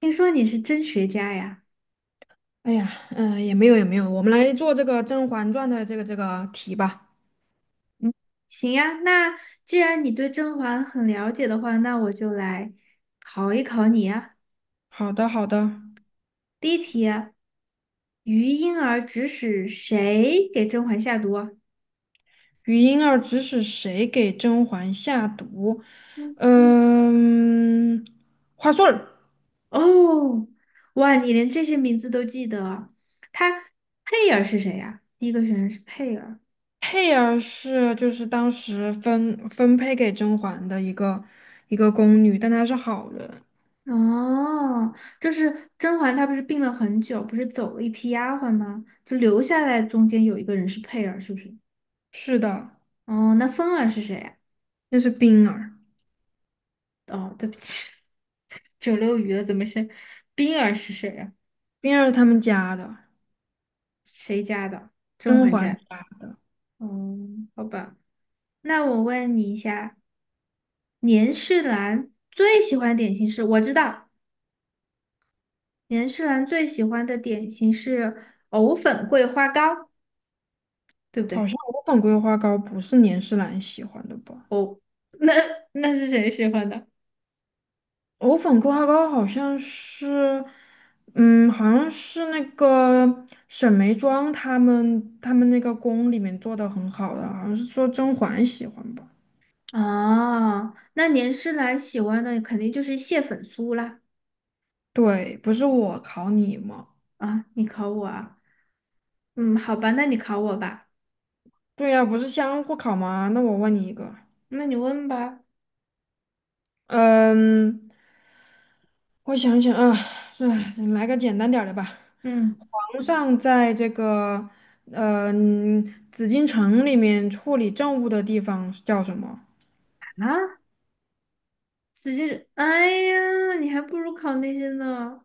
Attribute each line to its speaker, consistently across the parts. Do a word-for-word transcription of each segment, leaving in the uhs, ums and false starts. Speaker 1: 听说你是真学家呀？
Speaker 2: 哎呀，嗯、也没有也没有，我们来做这个《甄嬛传》的这个这个题吧。
Speaker 1: 嗯，行呀，那既然你对甄嬛很了解的话，那我就来考一考你呀。
Speaker 2: 好的好的，
Speaker 1: 第一题啊，于莺儿指使谁给甄嬛下毒啊
Speaker 2: 余莺儿指使谁给甄嬛下毒？
Speaker 1: 嗯，
Speaker 2: 嗯，花穗儿，
Speaker 1: 哦，哇，你连这些名字都记得啊？她佩儿是谁呀？第一个选项是佩儿。
Speaker 2: 佩儿是就是当时分分配给甄嬛的一个一个宫女，但她是好人。
Speaker 1: 哦，就是甄嬛，她不是病了很久，不是走了一批丫鬟吗？就留下来中间有一个人是佩儿，是不是？
Speaker 2: 是的，
Speaker 1: 哦，那芬儿是谁呀？
Speaker 2: 那是冰儿，
Speaker 1: 哦，对不起，九溜鱼的怎么是冰儿是谁呀、
Speaker 2: 冰儿是他们家的，
Speaker 1: 谁家的？甄
Speaker 2: 甄
Speaker 1: 嬛
Speaker 2: 嬛
Speaker 1: 家。
Speaker 2: 家的。
Speaker 1: 嗯，好吧。那我问你一下，年世兰最喜欢点心是？我知道，年世兰最喜欢的点心是藕粉桂花糕，对不
Speaker 2: 好
Speaker 1: 对？
Speaker 2: 像我粉桂花糕不是年世兰喜欢的吧？
Speaker 1: 哦，那那是谁喜欢的？
Speaker 2: 藕粉桂花糕好像是，嗯，好像是那个沈眉庄他们他们那个宫里面做的很好的，好像是说甄嬛喜欢吧？
Speaker 1: 哦，那年世兰喜欢的肯定就是蟹粉酥啦。
Speaker 2: 对，不是我考你吗？
Speaker 1: 啊，你考我啊？嗯，好吧，那你考我吧，
Speaker 2: 对呀、不是相互考吗？那我问你一个，
Speaker 1: 那你问吧。
Speaker 2: 嗯，我想想啊，哎，来个简单点儿的吧。
Speaker 1: 嗯
Speaker 2: 皇上在这个呃紫禁城里面处理政务的地方是叫什么？
Speaker 1: 啊，只是哎呀，你还不如考那些呢。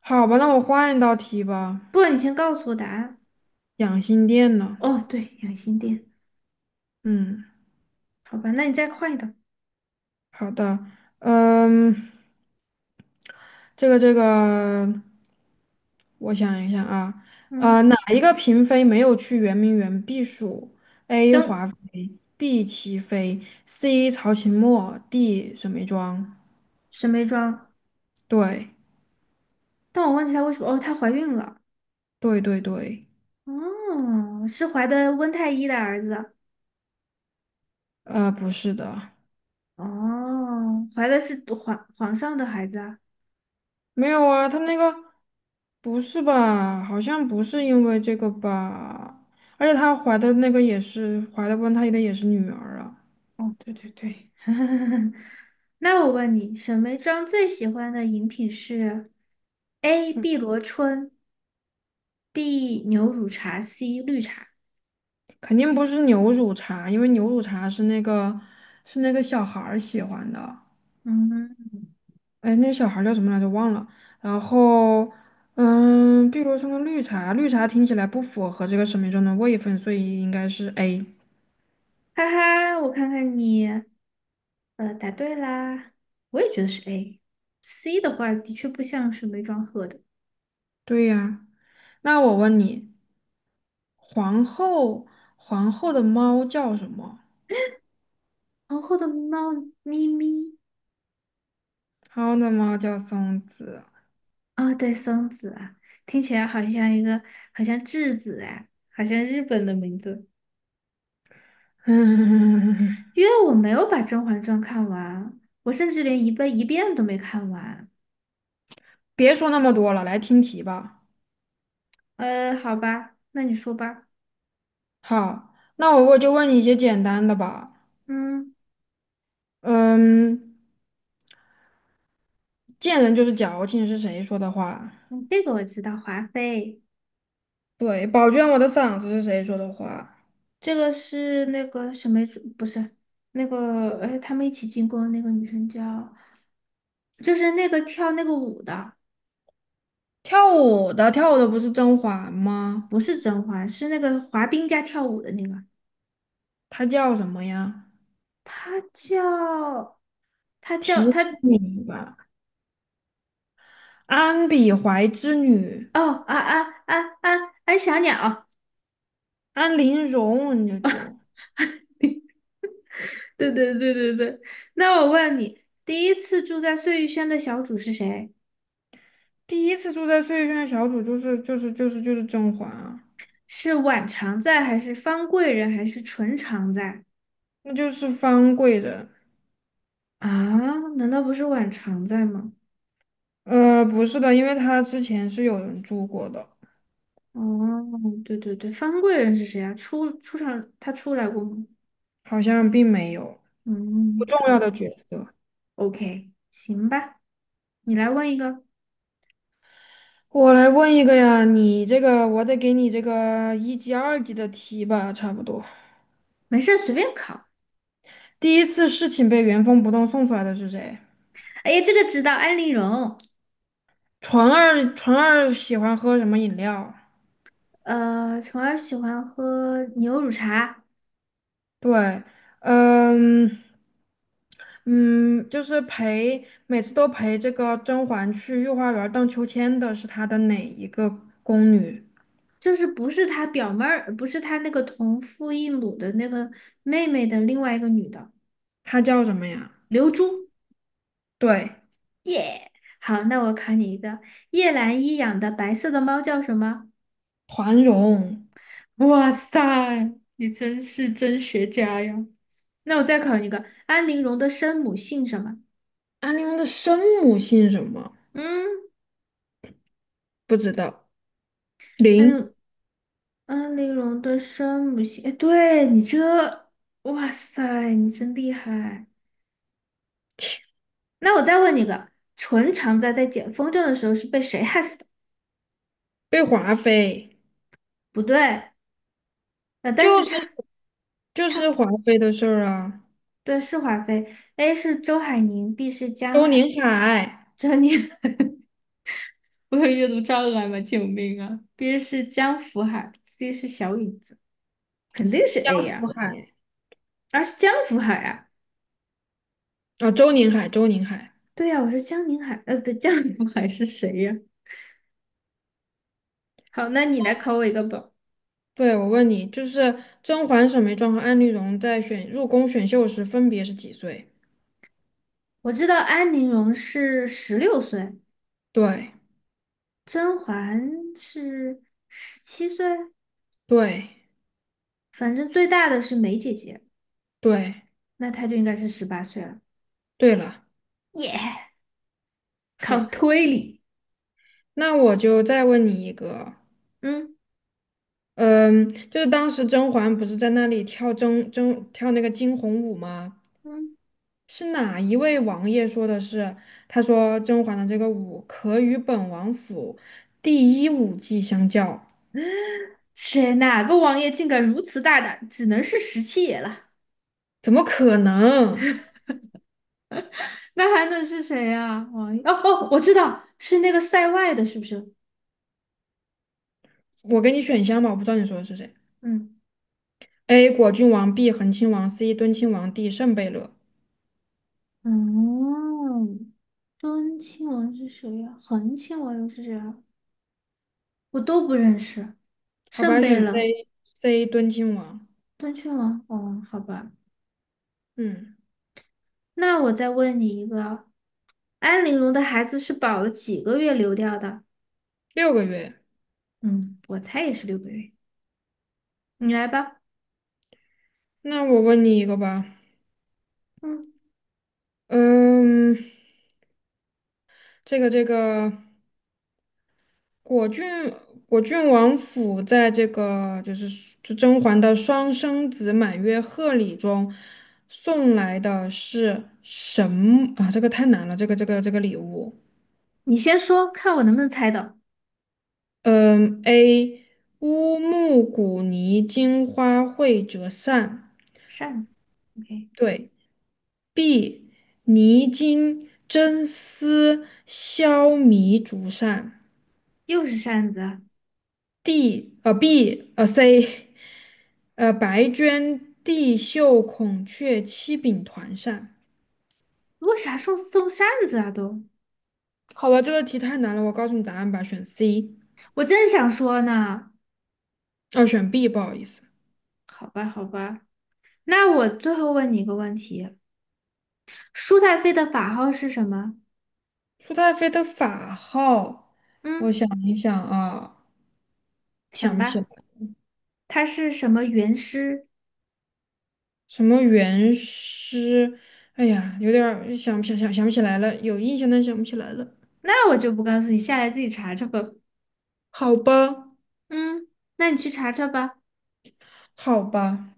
Speaker 2: 好吧，那我换一道题吧。
Speaker 1: 不，你先告诉我答案。
Speaker 2: 养心殿呢？
Speaker 1: 哦，对，养心殿。
Speaker 2: 嗯，
Speaker 1: 好吧，那你再快一点。
Speaker 2: 好的，嗯，这个这个，我想一想啊，
Speaker 1: 嗯，
Speaker 2: 呃，哪一个嫔妃没有去圆明园避暑？A.
Speaker 1: 蒸
Speaker 2: 华妃，B. 祺妃，C. 曹琴墨，D. 沈眉庄。
Speaker 1: 沈眉庄，
Speaker 2: 对，
Speaker 1: 但我忘记她为什么。哦，她怀孕了。
Speaker 2: 对对对，
Speaker 1: 哦，是怀的温太医的儿子。
Speaker 2: 呃，不是的，
Speaker 1: 哦，怀的是皇皇上的孩子啊。
Speaker 2: 没有啊，他那个。不是吧？好像不是因为这个吧？而且她怀的那个也是怀的温她的也是女儿啊，
Speaker 1: 哦，对对对。那我问你，沈眉庄最喜欢的饮品是 A.
Speaker 2: 是
Speaker 1: 碧螺春 B 牛乳茶，C 绿茶。
Speaker 2: 肯定不是牛乳茶，因为牛乳茶是那个是那个小孩儿喜欢的，
Speaker 1: 嗯，
Speaker 2: 哎，那小孩儿叫什么来着？忘了。然后，嗯，碧螺春的绿茶，绿茶听起来不符合这个生命中的位分，所以应该是 A。
Speaker 1: 哈哈，我看看你，呃，答对啦。我也觉得是 A。C 的话，的确不像是梅庄鹤的。
Speaker 2: 对呀，那我问你，皇后皇后的猫叫什么？
Speaker 1: 皇后的猫咪咪
Speaker 2: 皇后的猫叫松子。
Speaker 1: 啊，对，松子啊，听起来好像一个，好像质子哎，好像日本的名字。
Speaker 2: 嗯，
Speaker 1: 因为我没有把《甄嬛传》看完，我甚至连一遍一遍都没看完。
Speaker 2: 别说那么多了，来听题吧。
Speaker 1: 呃，好吧，那你说吧。
Speaker 2: 好，那我我就问你一些简单的吧。
Speaker 1: 嗯，
Speaker 2: 嗯，贱人就是矫情是谁说的话？
Speaker 1: 嗯，这个我知道，华妃。
Speaker 2: 对，宝娟我的嗓子是谁说的话？
Speaker 1: 这个是那个什么主，不是那个，哎，他们一起进宫的那个女生叫，就是那个跳那个舞的，
Speaker 2: 跳舞的跳舞的不是甄嬛吗？
Speaker 1: 不是甄嬛，是那个滑冰加跳舞的那个，
Speaker 2: 她叫什么呀？
Speaker 1: 她叫，她叫
Speaker 2: 提
Speaker 1: 她，
Speaker 2: 示你吧，安比怀之女，
Speaker 1: 哦啊啊啊啊啊，安小鸟，
Speaker 2: 安陵容，你这就
Speaker 1: 对对对对对。那我问你，第一次住在碎玉轩的小主是谁？
Speaker 2: 第一次住在碎轩的小组就是就是就是就是甄嬛啊，
Speaker 1: 是婉常在，还是方贵人，还是纯常在？
Speaker 2: 那就是方贵人。
Speaker 1: 啊，难道不是婉常在吗？
Speaker 2: 呃，不是的，因为他之前是有人住过的，
Speaker 1: 哦，对对对，方贵人是谁啊？出出场他出来过吗？
Speaker 2: 好像并没有不
Speaker 1: 嗯，
Speaker 2: 重
Speaker 1: 好
Speaker 2: 要
Speaker 1: 吧
Speaker 2: 的角色。
Speaker 1: ，OK，行吧，你来问一个，
Speaker 2: 我来问一个呀，你这个我得给你这个一级、二级的题吧，差不多。
Speaker 1: 没事儿随便考。
Speaker 2: 第一次事情被原封不动送出来的是谁？
Speaker 1: 哎呀，这个知道，安陵容。
Speaker 2: 纯二，纯二喜欢喝什么饮料？
Speaker 1: 呃，虫儿喜欢喝牛乳茶，
Speaker 2: 对，嗯嗯，就是陪每次都陪这个甄嬛去御花园荡秋千的是她的哪一个宫女？
Speaker 1: 就是不是她表妹儿，不是她那个同父异母的那个妹妹的另外一个女的，
Speaker 2: 她叫什么呀？
Speaker 1: 刘珠。
Speaker 2: 对。
Speaker 1: 好，那我考你一个，叶澜依养的白色的猫叫什么？
Speaker 2: 团荣，
Speaker 1: 哇塞，你真是真学家呀！那我再考你一个，安陵容的生母姓什么？
Speaker 2: 安陵容的生母姓什么？
Speaker 1: 嗯，
Speaker 2: 不知道。
Speaker 1: 安
Speaker 2: 林
Speaker 1: 陵安陵容的生母姓，哎，对你这，哇塞，你真厉害。那我再问你个，淳常在在捡风筝的时候是被谁害死的？
Speaker 2: 被华妃，
Speaker 1: 不对，呃，但
Speaker 2: 就
Speaker 1: 是
Speaker 2: 是
Speaker 1: 差
Speaker 2: 就
Speaker 1: 差不
Speaker 2: 是
Speaker 1: 多
Speaker 2: 华妃的事儿啊。
Speaker 1: 对是华妃，A 是周海宁，B 是江
Speaker 2: 周
Speaker 1: 海
Speaker 2: 宁海，
Speaker 1: 珍妮。我有阅读障碍吗？救命啊！B 是江福海，C 是小椅子，肯定是 A
Speaker 2: 周
Speaker 1: 呀、
Speaker 2: 海
Speaker 1: 啊，而是江福海啊。
Speaker 2: 啊，周宁海，周宁海。
Speaker 1: 对呀、啊我说江宁海，呃，不，江福海是谁呀、啊好，那你来考我一个吧。
Speaker 2: 对，我问你，就是甄嬛、沈眉庄和安陵容在选入宫选秀时分别是几岁？
Speaker 1: 我知道安陵容是十六岁，
Speaker 2: 对，
Speaker 1: 甄嬛是十七岁，
Speaker 2: 对，
Speaker 1: 反正最大的是梅姐姐，
Speaker 2: 对，
Speaker 1: 那她就应该是十八岁了。
Speaker 2: 对了。
Speaker 1: 耶、yeah 靠
Speaker 2: 好，
Speaker 1: 推理，
Speaker 2: 那我就再问你一个，
Speaker 1: 嗯
Speaker 2: 嗯，就是当时甄嬛不是在那里跳甄甄跳那个惊鸿舞吗？
Speaker 1: 嗯，
Speaker 2: 是哪一位王爷说的是？他说甄嬛的这个舞可与本王府第一舞技相较，
Speaker 1: 谁哪个王爷竟敢如此大胆，只能是十七爷了。
Speaker 2: 怎么可能？
Speaker 1: 那还能是谁呀、王一哦哦，我知道是那个塞外的，是不是？
Speaker 2: 我给你选项吧，我不知道你说的是谁。
Speaker 1: 嗯，
Speaker 2: A. 果郡王，B. 恒亲王，C. 敦亲王，D. 圣贝勒。
Speaker 1: 哦，敦亲王是谁呀、恒亲王又是谁啊？我都不认识。
Speaker 2: 好
Speaker 1: 圣
Speaker 2: 吧，
Speaker 1: 贝
Speaker 2: 选
Speaker 1: 勒、
Speaker 2: C，C 敦亲王。
Speaker 1: 敦亲王，哦，好吧。
Speaker 2: 嗯，
Speaker 1: 那我再问你一个，安陵容的孩子是保了几个月流掉的？
Speaker 2: 六个月。
Speaker 1: 嗯，我猜也是六个月。你来吧，
Speaker 2: 那我问你一个吧，
Speaker 1: 嗯，
Speaker 2: 嗯，这个这个。果郡果郡王府在这个就是就甄嬛的双生子满月贺礼中送来的是什么啊？这个太难了，这个这个这个礼物。
Speaker 1: 你先说，看我能不能猜到。
Speaker 2: 嗯，A 乌木古泥金花卉折扇，
Speaker 1: 扇子，OK，
Speaker 2: 对；B 泥金真丝绡迷竹扇
Speaker 1: 又是扇子啊！
Speaker 2: ；D 呃 B 呃 C 呃，白绢地绣、孔雀、七柄团扇。
Speaker 1: 为啥送送扇子啊都？
Speaker 2: 好吧，这个题太难了，我告诉你答案吧，选 C,
Speaker 1: 我正想说呢，
Speaker 2: 哦，选 B,不好意思。
Speaker 1: 好吧，好吧，那我最后问你一个问题：舒太妃的法号是什么？
Speaker 2: 舒太妃的法号，
Speaker 1: 嗯，
Speaker 2: 我想一想啊，
Speaker 1: 想
Speaker 2: 想不起来，
Speaker 1: 吧，她是什么元师？
Speaker 2: 什么元师？哎呀，有点儿想不想想想不起来了，有印象但想不起来了。
Speaker 1: 那我就不告诉你，下来自己查查吧。
Speaker 2: 好吧，
Speaker 1: 嗯，那你去查查吧。
Speaker 2: 好吧。